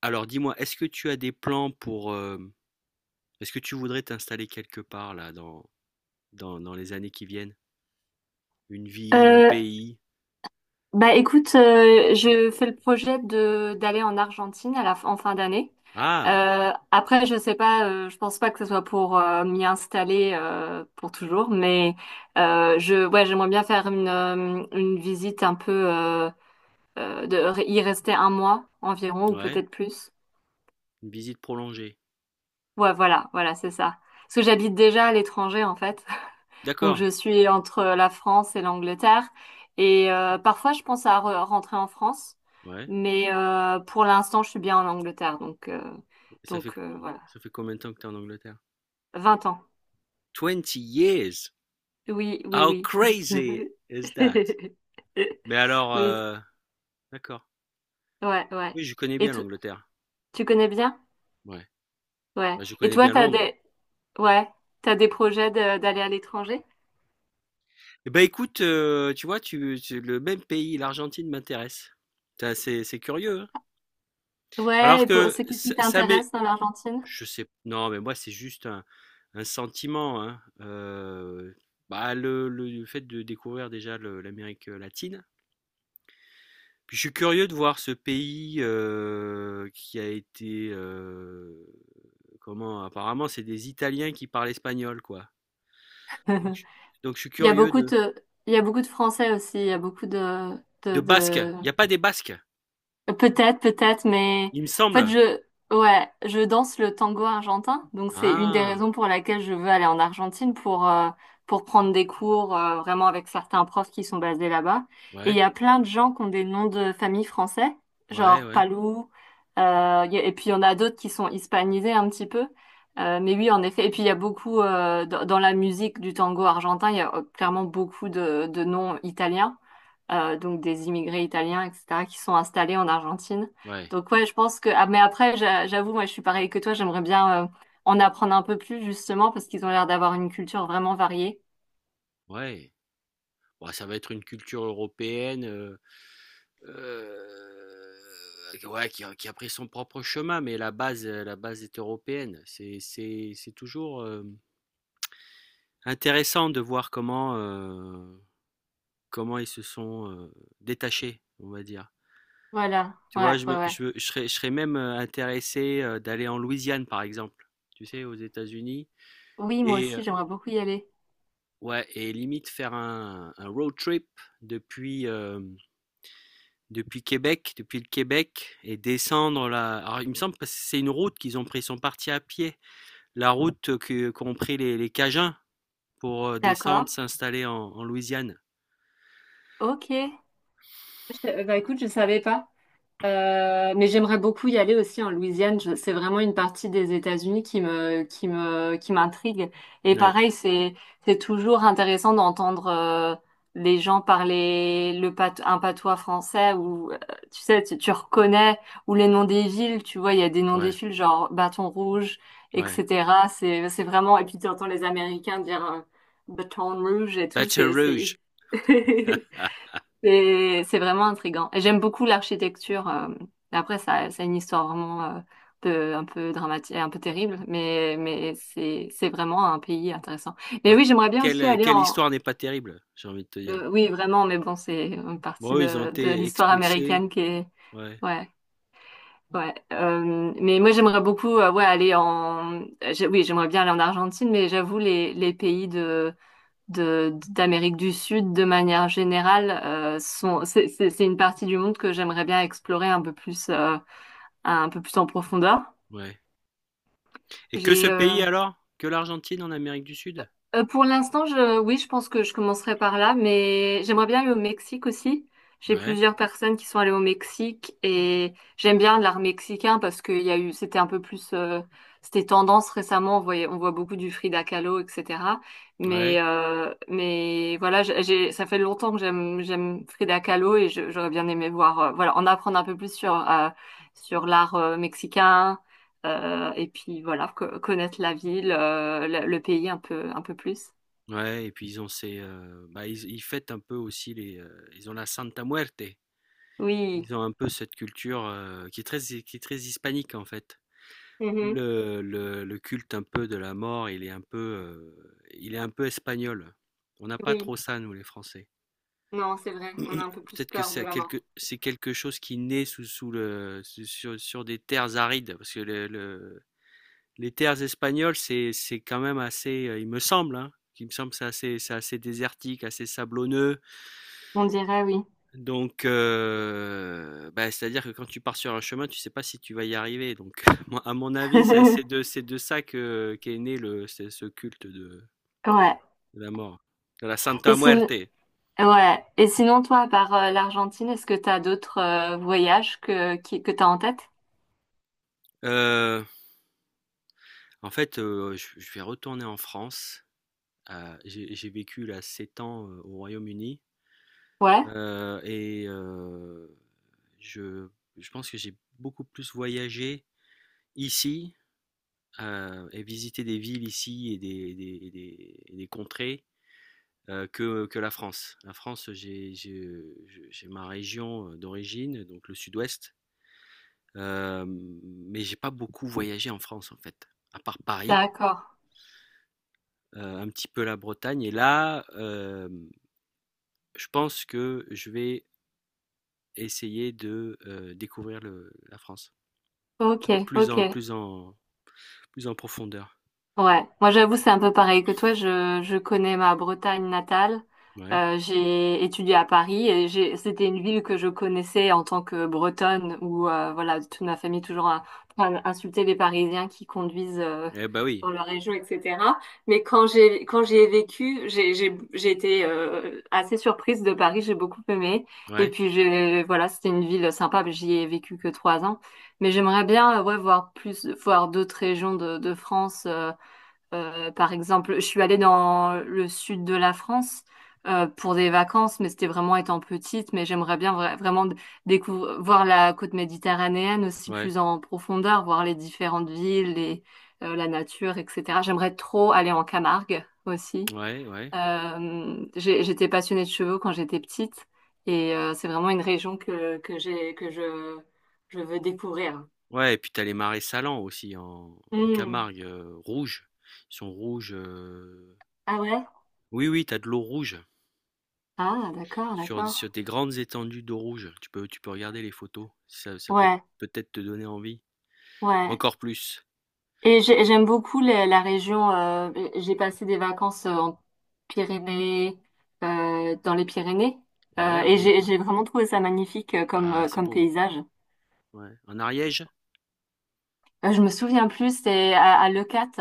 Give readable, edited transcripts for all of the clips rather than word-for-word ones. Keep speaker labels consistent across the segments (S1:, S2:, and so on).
S1: Alors dis-moi, est-ce que tu as des plans pour est-ce que tu voudrais t'installer quelque part dans les années qui viennent? Une ville, un
S2: Euh,
S1: pays?
S2: Bah écoute, je fais le projet de d'aller en Argentine en fin d'année.
S1: Ah,
S2: Après, je sais pas, je pense pas que ce soit pour m'y installer pour toujours, mais j'aimerais bien faire une visite un peu, y rester un mois environ ou
S1: ouais,
S2: peut-être plus.
S1: une visite prolongée.
S2: Ouais, voilà, voilà, c'est ça. Parce que j'habite déjà à l'étranger en fait. Donc
S1: D'accord,
S2: je suis entre la France et l'Angleterre et parfois je pense à rentrer en France,
S1: ouais.
S2: mais pour l'instant je suis bien en Angleterre, donc
S1: Ça fait,
S2: voilà.
S1: ça fait combien de temps que tu es en Angleterre?
S2: 20 ans.
S1: Twenty years!
S2: Oui, oui,
S1: How
S2: oui.
S1: crazy is that? Mais alors,
S2: Oui,
S1: d'accord.
S2: ouais, ouais.
S1: Oui, je connais
S2: Et
S1: bien
S2: tu,
S1: l'Angleterre.
S2: tu connais bien.
S1: Ouais,
S2: Ouais.
S1: bah, je
S2: Et
S1: connais
S2: toi,
S1: bien
S2: t'as
S1: Londres.
S2: des... Ouais, t'as des projets d'aller à l'étranger.
S1: Eh ben écoute, tu vois, le même pays, l'Argentine m'intéresse. C'est curieux, hein?
S2: Ouais.
S1: Alors
S2: Et pour,
S1: que
S2: c'est qu'est-ce qui
S1: ça m'est,
S2: t'intéresse dans l'Argentine?
S1: je sais, non, mais moi c'est juste un sentiment, hein. Bah, le fait de découvrir déjà l'Amérique latine. Puis je suis curieux de voir ce pays qui a été comment apparemment c'est des Italiens qui parlent espagnol quoi. Donc je, donc je suis
S2: Il y a
S1: curieux
S2: beaucoup de, il y a beaucoup de Français aussi. Il y a beaucoup
S1: de Basques. Il
S2: de,
S1: n'y a pas des Basques,
S2: Peut-être, peut-être, mais
S1: il me
S2: en fait,
S1: semble.
S2: je danse le tango argentin, donc c'est une des
S1: Ah,
S2: raisons pour laquelle je veux aller en Argentine pour prendre des cours vraiment avec certains profs qui sont basés là-bas. Et il
S1: ouais
S2: y a plein de gens qui ont des noms de famille français,
S1: ouais
S2: genre
S1: ouais
S2: Palou. euh, et puis il y en a d'autres qui sont hispanisés un petit peu. Mais oui, en effet. Et puis il y a beaucoup dans, dans la musique du tango argentin, il y a clairement beaucoup de noms italiens, donc des immigrés italiens, etc., qui sont installés en Argentine.
S1: ouais
S2: Donc ouais, je pense que... Ah, mais après, j'avoue, moi, je suis pareil que toi, j'aimerais bien en apprendre un peu plus, justement, parce qu'ils ont l'air d'avoir une culture vraiment variée.
S1: ouais. Bon, ça va être une culture européenne. Heu, ouais, qui a pris son propre chemin, mais la base est européenne. C'est toujours, intéressant de voir comment, comment ils se sont, détachés, on va dire.
S2: Voilà,
S1: Tu vois?
S2: ouais,
S1: Je
S2: ouais,
S1: me
S2: ouais.
S1: je serais même, intéressé, d'aller en Louisiane, par exemple, tu sais, aux États-Unis.
S2: Oui, moi
S1: Et
S2: aussi, j'aimerais beaucoup y aller.
S1: ouais, et limite faire un road trip depuis, hem depuis Québec, depuis le Québec, et descendre la. Alors, il me semble que c'est une route qu'ils ont pris, ils sont partis à pied. Qu'ont pris les Cajuns pour descendre,
S2: D'accord.
S1: s'installer en, en Louisiane.
S2: Ok. Bah écoute, je savais pas. Mais j'aimerais beaucoup y aller aussi en Louisiane. C'est vraiment une partie des États-Unis qui m'intrigue. Et
S1: Ouais,
S2: pareil, c'est toujours intéressant d'entendre les gens parler un patois français ou tu sais, tu reconnais, ou les noms des villes. Tu vois, il y a des noms des
S1: ouais,
S2: villes genre Bâton Rouge,
S1: ouais.
S2: etc. C'est vraiment. Et puis tu entends les Américains dire Baton Rouge et tout.
S1: Baton
S2: C'est.
S1: Rouge.
S2: C'est vraiment intriguant. Et j'aime beaucoup l'architecture. Après, ça, c'est une histoire vraiment, un peu dramatique, un peu terrible, mais c'est vraiment un pays intéressant. Mais
S1: Bon,
S2: oui, j'aimerais bien aussi aller
S1: quelle
S2: en...
S1: histoire n'est pas terrible, j'ai envie de te dire.
S2: oui, vraiment, mais bon, c'est une partie
S1: Bon, ils ont
S2: de
S1: été
S2: l'histoire
S1: expulsés.
S2: américaine qui est...
S1: Ouais,
S2: Ouais, ouais. Mais moi, j'aimerais beaucoup, ouais, aller en. Oui, j'aimerais bien aller en Argentine, mais j'avoue, les pays de d'Amérique du Sud de manière générale sont c'est une partie du monde que j'aimerais bien explorer un peu plus en profondeur.
S1: ouais. Et que ce
S2: J'ai
S1: pays alors? Que l'Argentine en Amérique du Sud?
S2: Pour l'instant, oui, je pense que je commencerai par là, mais j'aimerais bien aller au Mexique aussi. J'ai
S1: Ouais,
S2: plusieurs personnes qui sont allées au Mexique et j'aime bien l'art mexicain parce qu'il y a eu, c'était un peu plus, c'était tendance récemment. On voit beaucoup du Frida Kahlo, etc.
S1: ouais.
S2: Mais voilà, ça fait longtemps que j'aime Frida Kahlo et j'aurais bien aimé voir, voilà, en apprendre un peu plus sur l'art, mexicain. Et puis voilà, connaître la ville, le pays un peu plus.
S1: Ouais, et puis ils ont ces, bah, ils fêtent un peu aussi les, ils ont la Santa Muerte.
S2: Oui,
S1: Ils ont un peu cette culture, qui est très hispanique, en fait.
S2: mhm,
S1: Le le culte un peu de la mort, il est un peu, il est un peu espagnol. On n'a pas
S2: oui,
S1: trop ça, nous, les Français.
S2: non, c'est vrai, on a un peu plus
S1: Peut-être que
S2: peur de la mort.
S1: c'est quelque chose qui naît sous sous le su sur sur des terres arides, parce que le les terres espagnoles, c'est quand même assez, il me semble, hein, il me semble, que c'est assez désertique, assez sablonneux.
S2: On dirait oui.
S1: Donc, bah, c'est-à-dire que quand tu pars sur un chemin, tu sais pas si tu vas y arriver. Donc, moi, à mon avis, ça c'est de ça que qu'est né le ce ce culte
S2: Ouais.
S1: de la mort, de la Santa
S2: Et sinon,
S1: Muerte.
S2: ouais. Et sinon, toi, à part l'Argentine, est-ce que t'as d'autres voyages que t'as en tête?
S1: Heu, En fait, je vais retourner en France. J'ai vécu là 7 ans, au Royaume-Uni,
S2: Ouais,
S1: heu et heu, je pense que j'ai beaucoup plus voyagé ici, et visité des villes ici et des contrées que la France. La France, j'ai ma région d'origine, donc le sud-ouest, mais j'ai pas beaucoup voyagé en France en fait, à part Paris,
S2: d'accord.
S1: un petit peu la Bretagne. Et là, je pense que je vais essayer de découvrir la France
S2: Ok,
S1: plus plus
S2: ok.
S1: en plus en plus en profondeur.
S2: Ouais, moi j'avoue c'est un peu pareil que toi, je connais ma Bretagne natale.
S1: Ouais.
S2: J'ai étudié à Paris et c'était une ville que je connaissais en tant que Bretonne où voilà, toute ma famille toujours a insulté les Parisiens qui conduisent
S1: Eh bah oui.
S2: dans leur région, etc. Mais quand j'y ai vécu, j'ai été assez surprise de Paris, j'ai beaucoup aimé et
S1: Ouais.
S2: puis j'ai voilà, c'était une ville sympa, mais j'y ai vécu que 3 ans, mais j'aimerais bien ouais, voir d'autres régions de France. Par exemple, je suis allée dans le sud de la France pour des vacances, mais c'était vraiment étant petite. Mais j'aimerais bien vraiment découvrir, voir la côte méditerranéenne aussi
S1: Ouais.
S2: plus en profondeur, voir les différentes villes, la nature, etc. J'aimerais trop aller en Camargue aussi.
S1: Ouais. Ouais.
S2: J'étais passionnée de chevaux quand j'étais petite et c'est vraiment une région que j'ai, que je veux découvrir.
S1: Ouais. Et puis t'as les marais salants aussi en, en
S2: Hmm.
S1: Camargue rouges. Ils sont rouges.
S2: Ah ouais?
S1: Oui, oui, t'as de l'eau rouge
S2: Ah, d'accord,
S1: sur sur
S2: d'accord.
S1: des grandes étendues d'eau rouge. Tu peux regarder les photos, ça peut
S2: Ouais.
S1: peut-être te donner envie.
S2: Ouais.
S1: Encore plus.
S2: J'aime beaucoup la région. J'ai passé des vacances Pyrénées, dans les Pyrénées,
S1: Ouais,
S2: et
S1: en
S2: j'ai vraiment trouvé ça magnifique comme
S1: ah,
S2: euh,
S1: c'est
S2: comme
S1: beau.
S2: paysage.
S1: Ouais. En Ariège?
S2: Je me souviens plus, c'était à Leucate.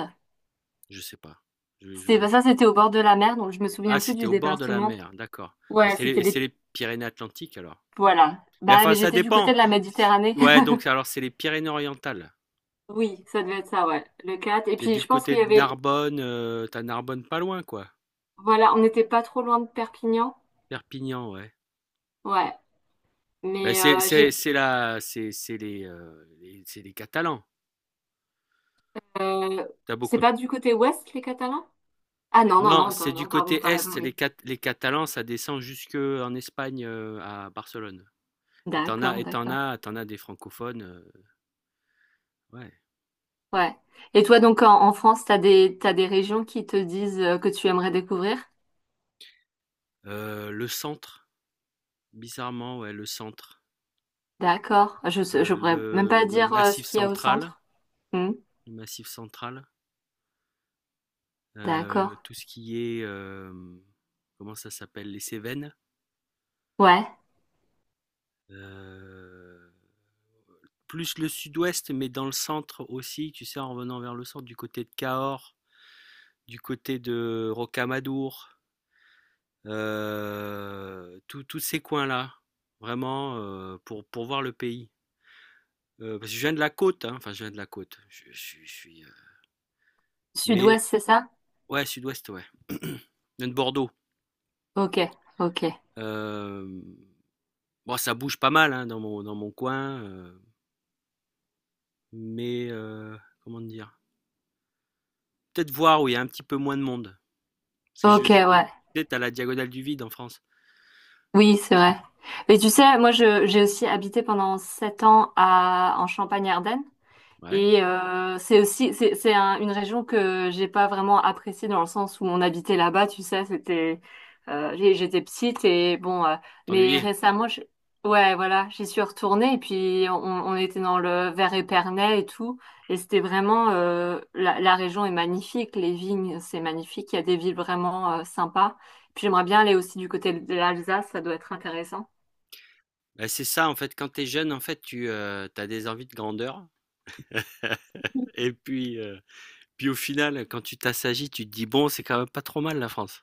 S1: Je sais pas. Je,
S2: C'était
S1: je...
S2: bah, ça, c'était au bord de la mer, donc je me
S1: Ah,
S2: souviens plus
S1: c'était
S2: du
S1: au bord de la
S2: département.
S1: mer, d'accord. Bah,
S2: Ouais, c'était
S1: c'est
S2: les
S1: les Pyrénées-Atlantiques alors.
S2: voilà.
S1: Mais
S2: Bah,
S1: enfin,
S2: mais
S1: ça
S2: j'étais du côté
S1: dépend.
S2: de la Méditerranée.
S1: Ouais, donc alors c'est les Pyrénées-Orientales.
S2: Oui, ça devait être ça, ouais. Le 4. Et
S1: T'es
S2: puis,
S1: du
S2: je pense
S1: côté
S2: qu'il y
S1: de
S2: avait,
S1: Narbonne, t'as Narbonne pas loin, quoi.
S2: voilà, on n'était pas trop loin de Perpignan.
S1: Perpignan, ouais.
S2: Ouais.
S1: Bah,
S2: Mais j'ai
S1: c'est la c'est les, c'est les Catalans.
S2: Euh,
S1: T'as as
S2: c'est
S1: beaucoup de-
S2: pas du côté ouest, les Catalans? Ah non, non,
S1: non,
S2: non,
S1: c'est du
S2: non, pardon,
S1: côté
S2: t'as raison,
S1: est,
S2: oui.
S1: Les Catalans, ça descend jusque en Espagne, à Barcelone, et t'en as
S2: D'accord,
S1: et tu
S2: d'accord.
S1: as t'en as des francophones, ouais.
S2: Ouais. Et toi, donc, en France, t'as des régions qui te disent que tu aimerais découvrir?
S1: Le centre, bizarrement, ouais, le centre,
S2: D'accord. Je pourrais même pas
S1: le
S2: dire ce
S1: Massif
S2: qu'il y a au
S1: central,
S2: centre. Hmm.
S1: le Massif central,
S2: D'accord.
S1: tout ce qui est, comment ça s'appelle? Les Cévennes,
S2: Ouais.
S1: heu, plus le sud-ouest, mais dans le centre aussi, tu sais, en revenant vers le centre, du côté de Cahors, du côté de Rocamadour. Tous ces coins-là, vraiment, pour voir le pays. Parce que je viens de la côte, hein, enfin, je viens de la côte. Je suis, mais,
S2: Sud-ouest, c'est ça?
S1: ouais, sud-ouest, ouais. Je viens de Bordeaux.
S2: Ok, ok.
S1: Euh, bon, ça bouge pas mal hein, dans mon coin, mais, comment dire? Peut-être voir où il y a un petit peu moins de monde. Parce que
S2: Ok, ouais.
S1: peut-être à la diagonale du vide en France.
S2: Oui, c'est vrai. Mais tu sais, moi, j'ai aussi habité pendant 7 ans en Champagne-Ardenne.
S1: Ouais,
S2: Et c'est aussi c'est une région que j'ai pas vraiment appréciée dans le sens où on habitait là-bas, tu sais, j'étais petite et bon mais
S1: t'ennuyer.
S2: récemment ouais voilà, j'y suis retournée et puis on était dans le Vers-Épernay et tout et c'était vraiment la région est magnifique, les vignes, c'est magnifique, il y a des villes vraiment sympas. Puis j'aimerais bien aller aussi du côté de l'Alsace, ça doit être intéressant.
S1: Bah, c'est ça, en fait, quand t'es jeune, en fait, tu as des envies de grandeur. Et puis, puis au final, quand tu t'assagis, tu te dis, bon, c'est quand même pas trop mal la France.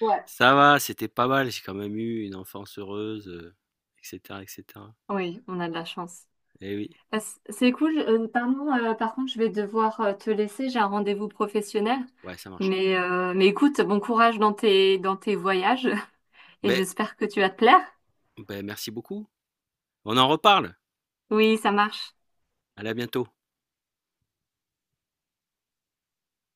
S2: Ouais.
S1: Ça va, c'était pas mal, j'ai quand même eu une enfance heureuse, etc., etc.
S2: Oui, on a de la chance.
S1: Eh oui,
S2: C'est cool. Pardon, par contre, je vais devoir te laisser. J'ai un rendez-vous professionnel.
S1: ouais, ça marche.
S2: Mais écoute, bon courage dans dans tes voyages et
S1: Ben,
S2: j'espère que tu vas te plaire.
S1: ben, merci beaucoup. On en reparle.
S2: Oui, ça marche.
S1: Allez, à bientôt.